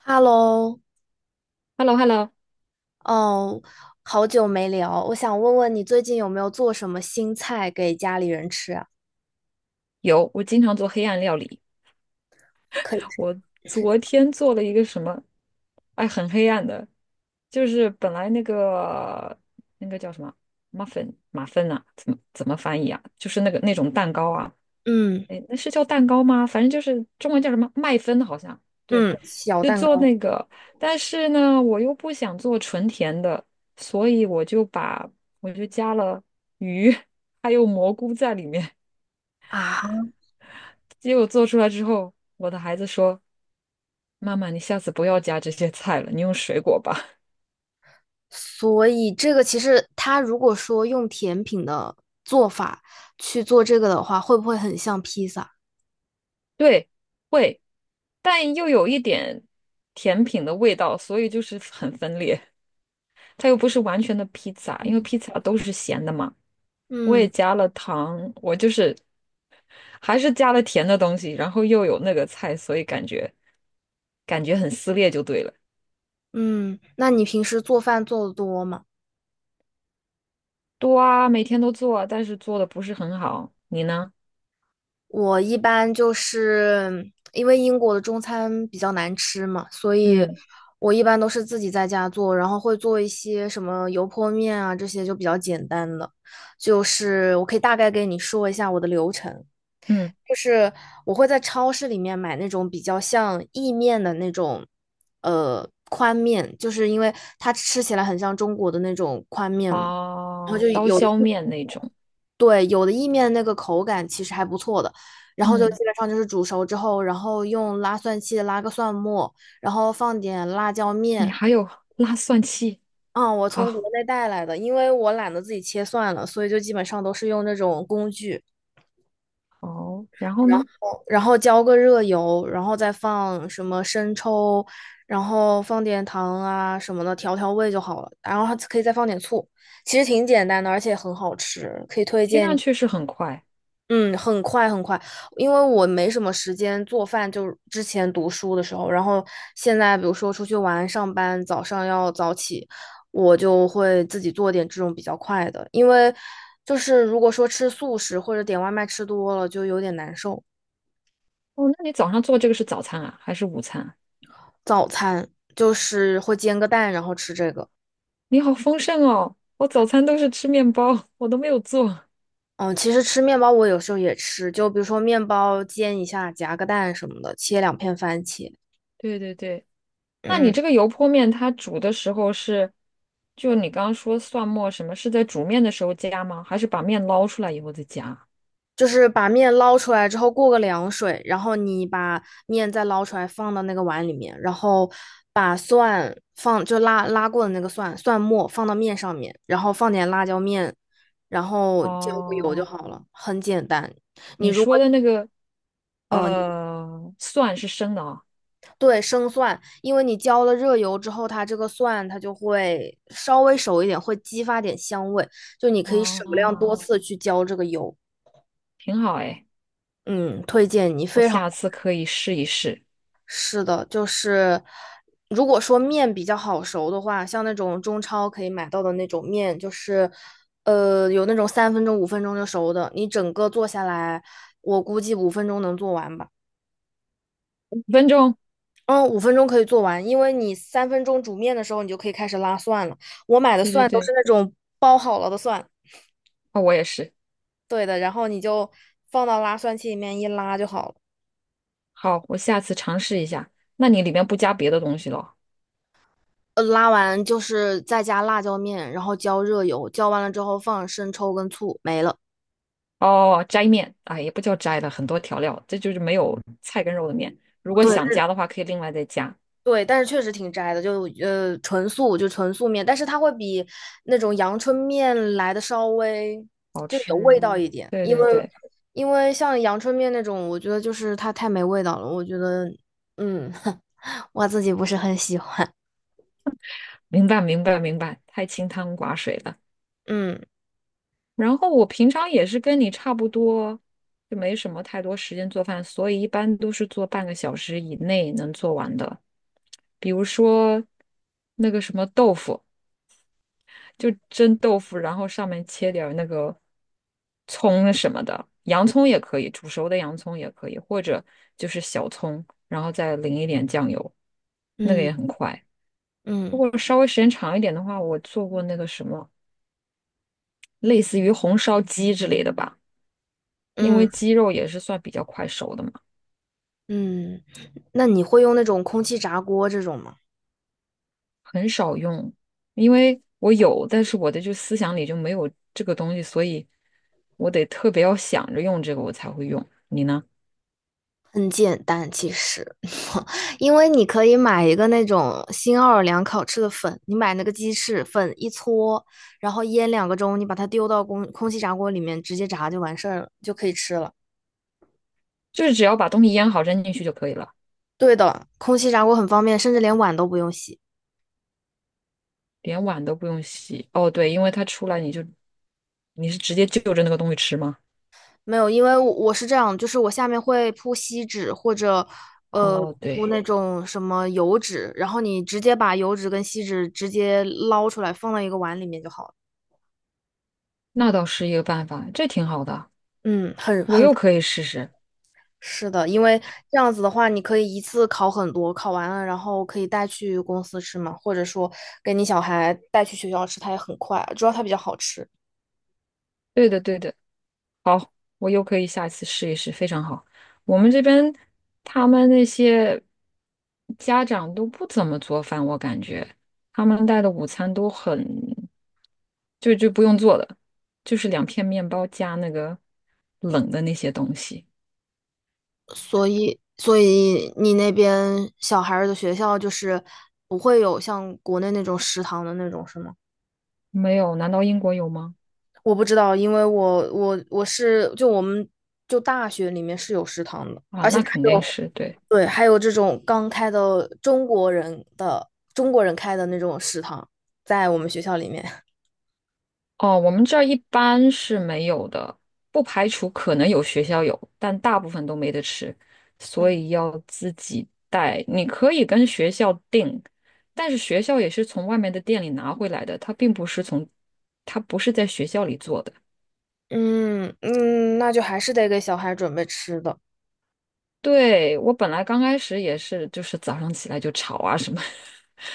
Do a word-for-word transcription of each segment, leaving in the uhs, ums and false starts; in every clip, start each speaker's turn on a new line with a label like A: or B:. A: Hello，
B: h e l l o hello
A: 嗯，好久没聊，我想问问你最近有没有做什么新菜给家里人吃啊？
B: 有，我经常做黑暗料理。
A: 可以。
B: 我昨天做了一个什么，哎，很黑暗的，就是本来那个那个叫什么 muffin 马芬啊，怎么怎么翻译啊？就是那个那种蛋糕啊，
A: 嗯
B: 哎，那是叫蛋糕吗？反正就是中文叫什么麦芬，好像对，
A: 嗯，小
B: 就
A: 蛋
B: 做
A: 糕
B: 那个。但是呢，我又不想做纯甜的，所以我就把我就加了鱼还有蘑菇在里面。
A: 啊。
B: 结果做出来之后，我的孩子说：“妈妈，你下次不要加这些菜了，你用水果吧。
A: 所以这个其实它如果说用甜品的做法去做这个的话，会不会很像披萨？
B: 对，会，但又有一点甜品的味道，所以就是很分裂。它又不是完全的披萨，因为披萨都是咸的嘛。我也
A: 嗯
B: 加了糖，我就是还是加了甜的东西，然后又有那个菜，所以感觉感觉很撕裂就对了。
A: 嗯，那你平时做饭做的多吗？
B: 多啊，每天都做啊，但是做的不是很好。你呢？
A: 我一般就是因为英国的中餐比较难吃嘛，所以
B: 嗯
A: 我一般都是自己在家做，然后会做一些什么油泼面啊，这些就比较简单的。就是我可以大概给你说一下我的流程，
B: 嗯，
A: 就是我会在超市里面买那种比较像意面的那种，呃，宽面，就是因为它吃起来很像中国的那种宽面嘛，然后
B: 哦，
A: 就
B: 刀
A: 有。
B: 削面那种。
A: 对，有的意面那个口感其实还不错的，然后就
B: 嗯，
A: 基本上就是煮熟之后，然后用拉蒜器拉个蒜末，然后放点辣椒
B: 你
A: 面。
B: 还有拉蒜器，
A: 嗯，我从国
B: 好，
A: 内带来的，因为我懒得自己切蒜了，所以就基本上都是用那种工具，
B: 好，然后
A: 然
B: 呢？
A: 后然后浇个热油，然后再放什么生抽，然后放点糖啊什么的调调味就好了，然后还可以再放点醋，其实挺简单的，而且很好吃，可以推
B: 听
A: 荐你。
B: 上去是很快
A: 嗯，很快很快，因为我没什么时间做饭，就是之前读书的时候，然后现在比如说出去玩、上班，早上要早起，我就会自己做点这种比较快的，因为就是如果说吃素食或者点外卖吃多了，就有点难受。
B: 哦。那你早上做这个是早餐啊，还是午餐啊
A: 早餐就是会煎个蛋，然后吃这个。
B: 你好丰盛哦，我早餐都是吃面包，我都没有做。
A: 嗯，其实吃面包我有时候也吃，就比如说面包煎一下，夹个蛋什么的，切两片番茄。
B: 对对对，那你
A: 嗯。
B: 这个油泼面它煮的时候是，就你刚刚说蒜末什么，是在煮面的时候加吗？还是把面捞出来以后再加？
A: 就是把面捞出来之后过个凉水，然后你把面再捞出来放到那个碗里面，然后把蒜放就拉拉过的那个蒜蒜末放到面上面，然后放点辣椒面，然后浇个油就
B: 哦，
A: 好了，很简单。你
B: 你
A: 如果
B: 说的那个
A: 呃
B: 呃蒜是生的啊，
A: 对生蒜，因为你浇了热油之后，它这个蒜它就会稍微熟一点，会激发点香味，就你可以少量多
B: 哦，
A: 次去浇这个油。
B: 挺好哎。
A: 嗯，推荐你
B: 我
A: 非常。
B: 下次可以试一试，
A: 是的，就是如果说面比较好熟的话，像那种中超可以买到的那种面，就是呃有那种三分钟、五分钟就熟的，你整个做下来，我估计五分钟能做完吧。
B: 五分钟。
A: 嗯，五分钟可以做完，因为你三分钟煮面的时候，你就可以开始拉蒜了。我买的
B: 对对
A: 蒜都是
B: 对，
A: 那种包好了的蒜，
B: 哦，我也是。
A: 对的，然后你就放到拉蒜器里面一拉就好了。
B: 好，我下次尝试一下。那你里面不加别的东西了？
A: 呃，拉完就是再加辣椒面，然后浇热油，浇完了之后放生抽跟醋，没了。
B: 哦，斋面，哎，也不叫斋的，很多调料，这就是没有菜跟肉的面。如果
A: 对。
B: 想加的话，可以另外再加。
A: 对，但是确实挺斋的，就呃纯素就纯素面，但是它会比那种阳春面来的稍微
B: 好
A: 就有味
B: 吃。
A: 道嗯一点，
B: 对
A: 因
B: 对
A: 为对
B: 对，
A: 因为像阳春面那种，我觉得就是它太没味道了，我觉得嗯 我自己不是很喜欢。
B: 明白明白明白，太清汤寡水了。
A: 嗯
B: 然后我平常也是跟你差不多，就没什么太多时间做饭，所以一般都是做半个小时以内能做完的。比如说那个什么豆腐，就蒸豆腐，然后上面切点儿那个葱什么的，洋葱也可以，煮熟的洋葱也可以，或者就是小葱，然后再淋一点酱油，那个
A: 嗯
B: 也很快。如
A: 嗯
B: 果稍微时间长一点的话，我做过那个什么，类似于红烧鸡之类的吧。因
A: 嗯
B: 为鸡肉也是算比较快熟的嘛，
A: 嗯，那你会用那种空气炸锅这种吗？
B: 很少用。因为我有，但是我的就思想里就没有这个东西，所以我得特别要想着用这个，我才会用。你呢？
A: 很简单，其实，因为你可以买一个那种新奥尔良烤翅的粉，你买那个鸡翅粉一搓，然后腌两个钟，你把它丢到空空气炸锅里面直接炸就完事儿了，就可以吃了。
B: 就是只要把东西腌好扔进去就可以了，
A: 对的，空气炸锅很方便，甚至连碗都不用洗。
B: 连碗都不用洗。哦，对，因为它出来你就你是直接就着那个东西吃吗？
A: 没有，因为我我是这样，就是我下面会铺锡纸或者呃
B: 哦，
A: 铺
B: 对，
A: 那种什么油纸，然后你直接把油纸跟锡纸直接捞出来放到一个碗里面就好了。
B: 那倒是一个办法，这挺好的，
A: 嗯，很
B: 我
A: 很。
B: 又可以试试。
A: 是的，因为这样子的话，你可以一次烤很多，烤完了然后可以带去公司吃嘛，或者说给你小孩带去学校吃，它也很快，主要它比较好吃。
B: 对的，对的。我又可以下一次试一试，非常好。我们这边他们那些家长都不怎么做饭，我感觉他们带的午餐都很，就就不用做的，就是两片面包加那个冷的那些东西。
A: 所以，所以你那边小孩儿的学校就是不会有像国内那种食堂的那种，是吗？
B: 没有？难道英国有吗？
A: 我不知道，因为我我我是就我们就大学里面是有食堂的，
B: 啊，
A: 而且
B: 那肯
A: 还
B: 定
A: 有
B: 是对。
A: 对，还有这种刚开的中国人的中国人开的那种食堂，在我们学校里面。
B: 哦，我们这儿一般是没有的，不排除可能有学校有，但大部分都没得吃，所
A: 嗯
B: 以要自己带。你可以跟学校订，但是学校也是从外面的店里拿回来的，它并不是从，它不是在学校里做的。
A: 嗯嗯，那就还是得给小孩准备吃的。
B: 对，我本来刚开始也是，就是早上起来就吵啊什么，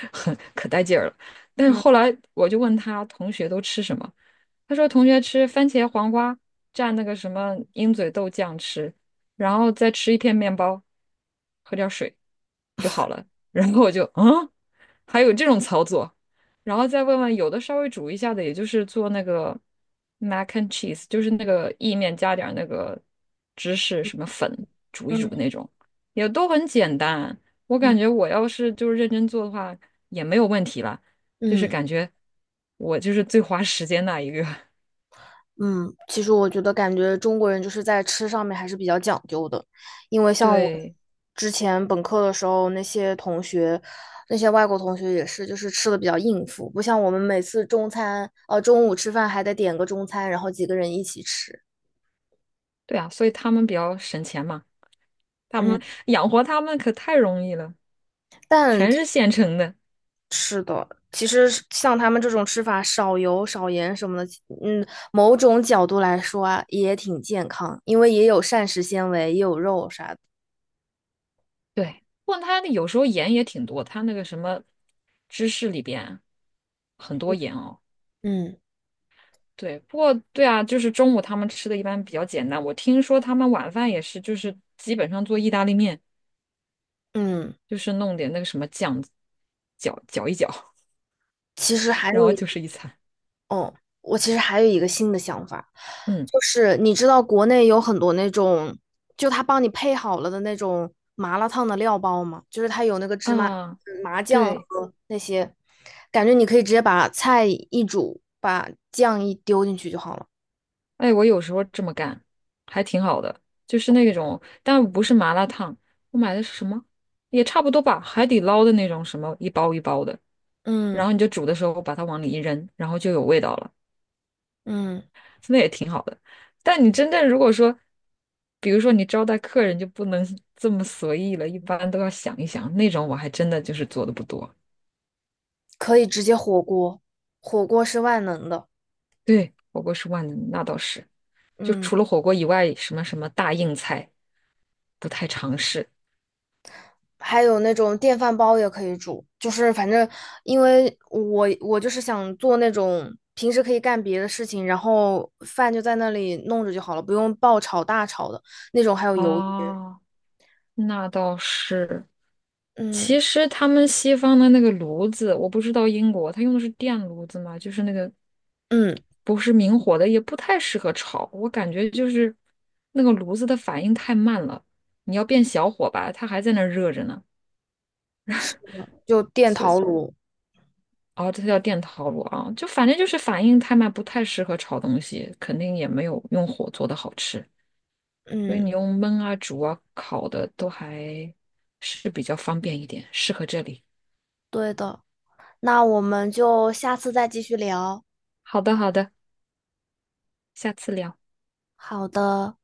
B: 很可带劲儿了。但是后
A: 嗯
B: 来我就问他同学都吃什么，他说同学吃番茄黄瓜蘸那个什么鹰嘴豆酱吃，然后再吃一片面包，喝点儿水就好了。然后我就嗯，还有这种操作，然后再问问有的稍微煮一下的，也就是做那个 mac and cheese，就是那个意面加点儿那个芝士什么粉煮一煮
A: 嗯
B: 那种，也都很简单。我
A: 嗯
B: 感觉我要是就是认真做的话，也没有问题啦。就是
A: 嗯
B: 感觉我就是最花时间那一个。
A: 嗯，其实我觉得感觉中国人就是在吃上面还是比较讲究的，因为 像我
B: 对
A: 之前本科的时候，那些同学，那些外国同学也是，就是吃的比较应付，不像我们每次中餐，呃，中午吃饭还得点个中餐，然后几个人一起吃。
B: 对啊，所以他们比较省钱嘛，他
A: 嗯，
B: 们养活他们可太容易了，
A: 但。
B: 全是现成的。
A: 是的，其实像他们这种吃法，少油、少盐什么的，嗯，某种角度来说啊，也挺健康，因为也有膳食纤维，也有肉啥的。
B: 对，不过他那有时候盐也挺多，他那个什么芝士里边很多盐哦。
A: 嗯
B: 对，不过对啊，就是中午他们吃的一般比较简单。我听说他们晚饭也是，就是基本上做意大利面，
A: 嗯，
B: 就是弄点那个什么酱，搅搅一搅，
A: 其实还
B: 然
A: 有
B: 后
A: 一
B: 就是一餐。
A: 哦，我其实还有一个新的想法，
B: 嗯
A: 就是你知道国内有很多那种，就他帮你配好了的那种麻辣烫的料包吗？就是它有那个芝麻
B: 啊，
A: 麻酱
B: 对，
A: 和那些，感觉你可以直接把菜一煮，把酱一丢进去就好了。
B: 哎，我有时候这么干，还挺好的，就是那种，但不是麻辣烫，我买的是什么？也差不多吧，海底捞的那种什么一包一包的，然
A: 嗯。
B: 后你就煮的时候把它往里一扔，然后就有味道了，
A: 嗯，
B: 那也挺好的。但你真正如果说，比如说你招待客人就不能 这么随意了，一般都要想一想。那种我还真的就是做的不多。
A: 可以直接火锅，火锅是万能的。
B: 对，火锅是万能，那倒是。就
A: 嗯，
B: 除了火锅以外，什么什么大硬菜不太尝试。
A: 还有那种电饭煲也可以煮，就是反正因为我我就是想做那种平时可以干别的事情，然后饭就在那里弄着就好了，不用爆炒大炒的那种，还有油烟。
B: 啊，那倒是。
A: 嗯
B: 其实他们西方的那个炉子，我不知道英国，他用的是电炉子吗？就是那个
A: 嗯，
B: 不是明火的，也不太适合炒。我感觉就是那个炉子的反应太慢了，你要变小火吧，它还在那儿热着呢。
A: 就电陶炉。
B: 哦，这叫电陶炉啊，就反正就是反应太慢，不太适合炒东西，肯定也没有用火做的好吃。所以
A: 嗯，
B: 你用焖啊、煮啊、烤的都还是比较方便一点，适合这里。
A: 对的。那我们就下次再继续聊。
B: 好的，好的，下次聊。
A: 好的。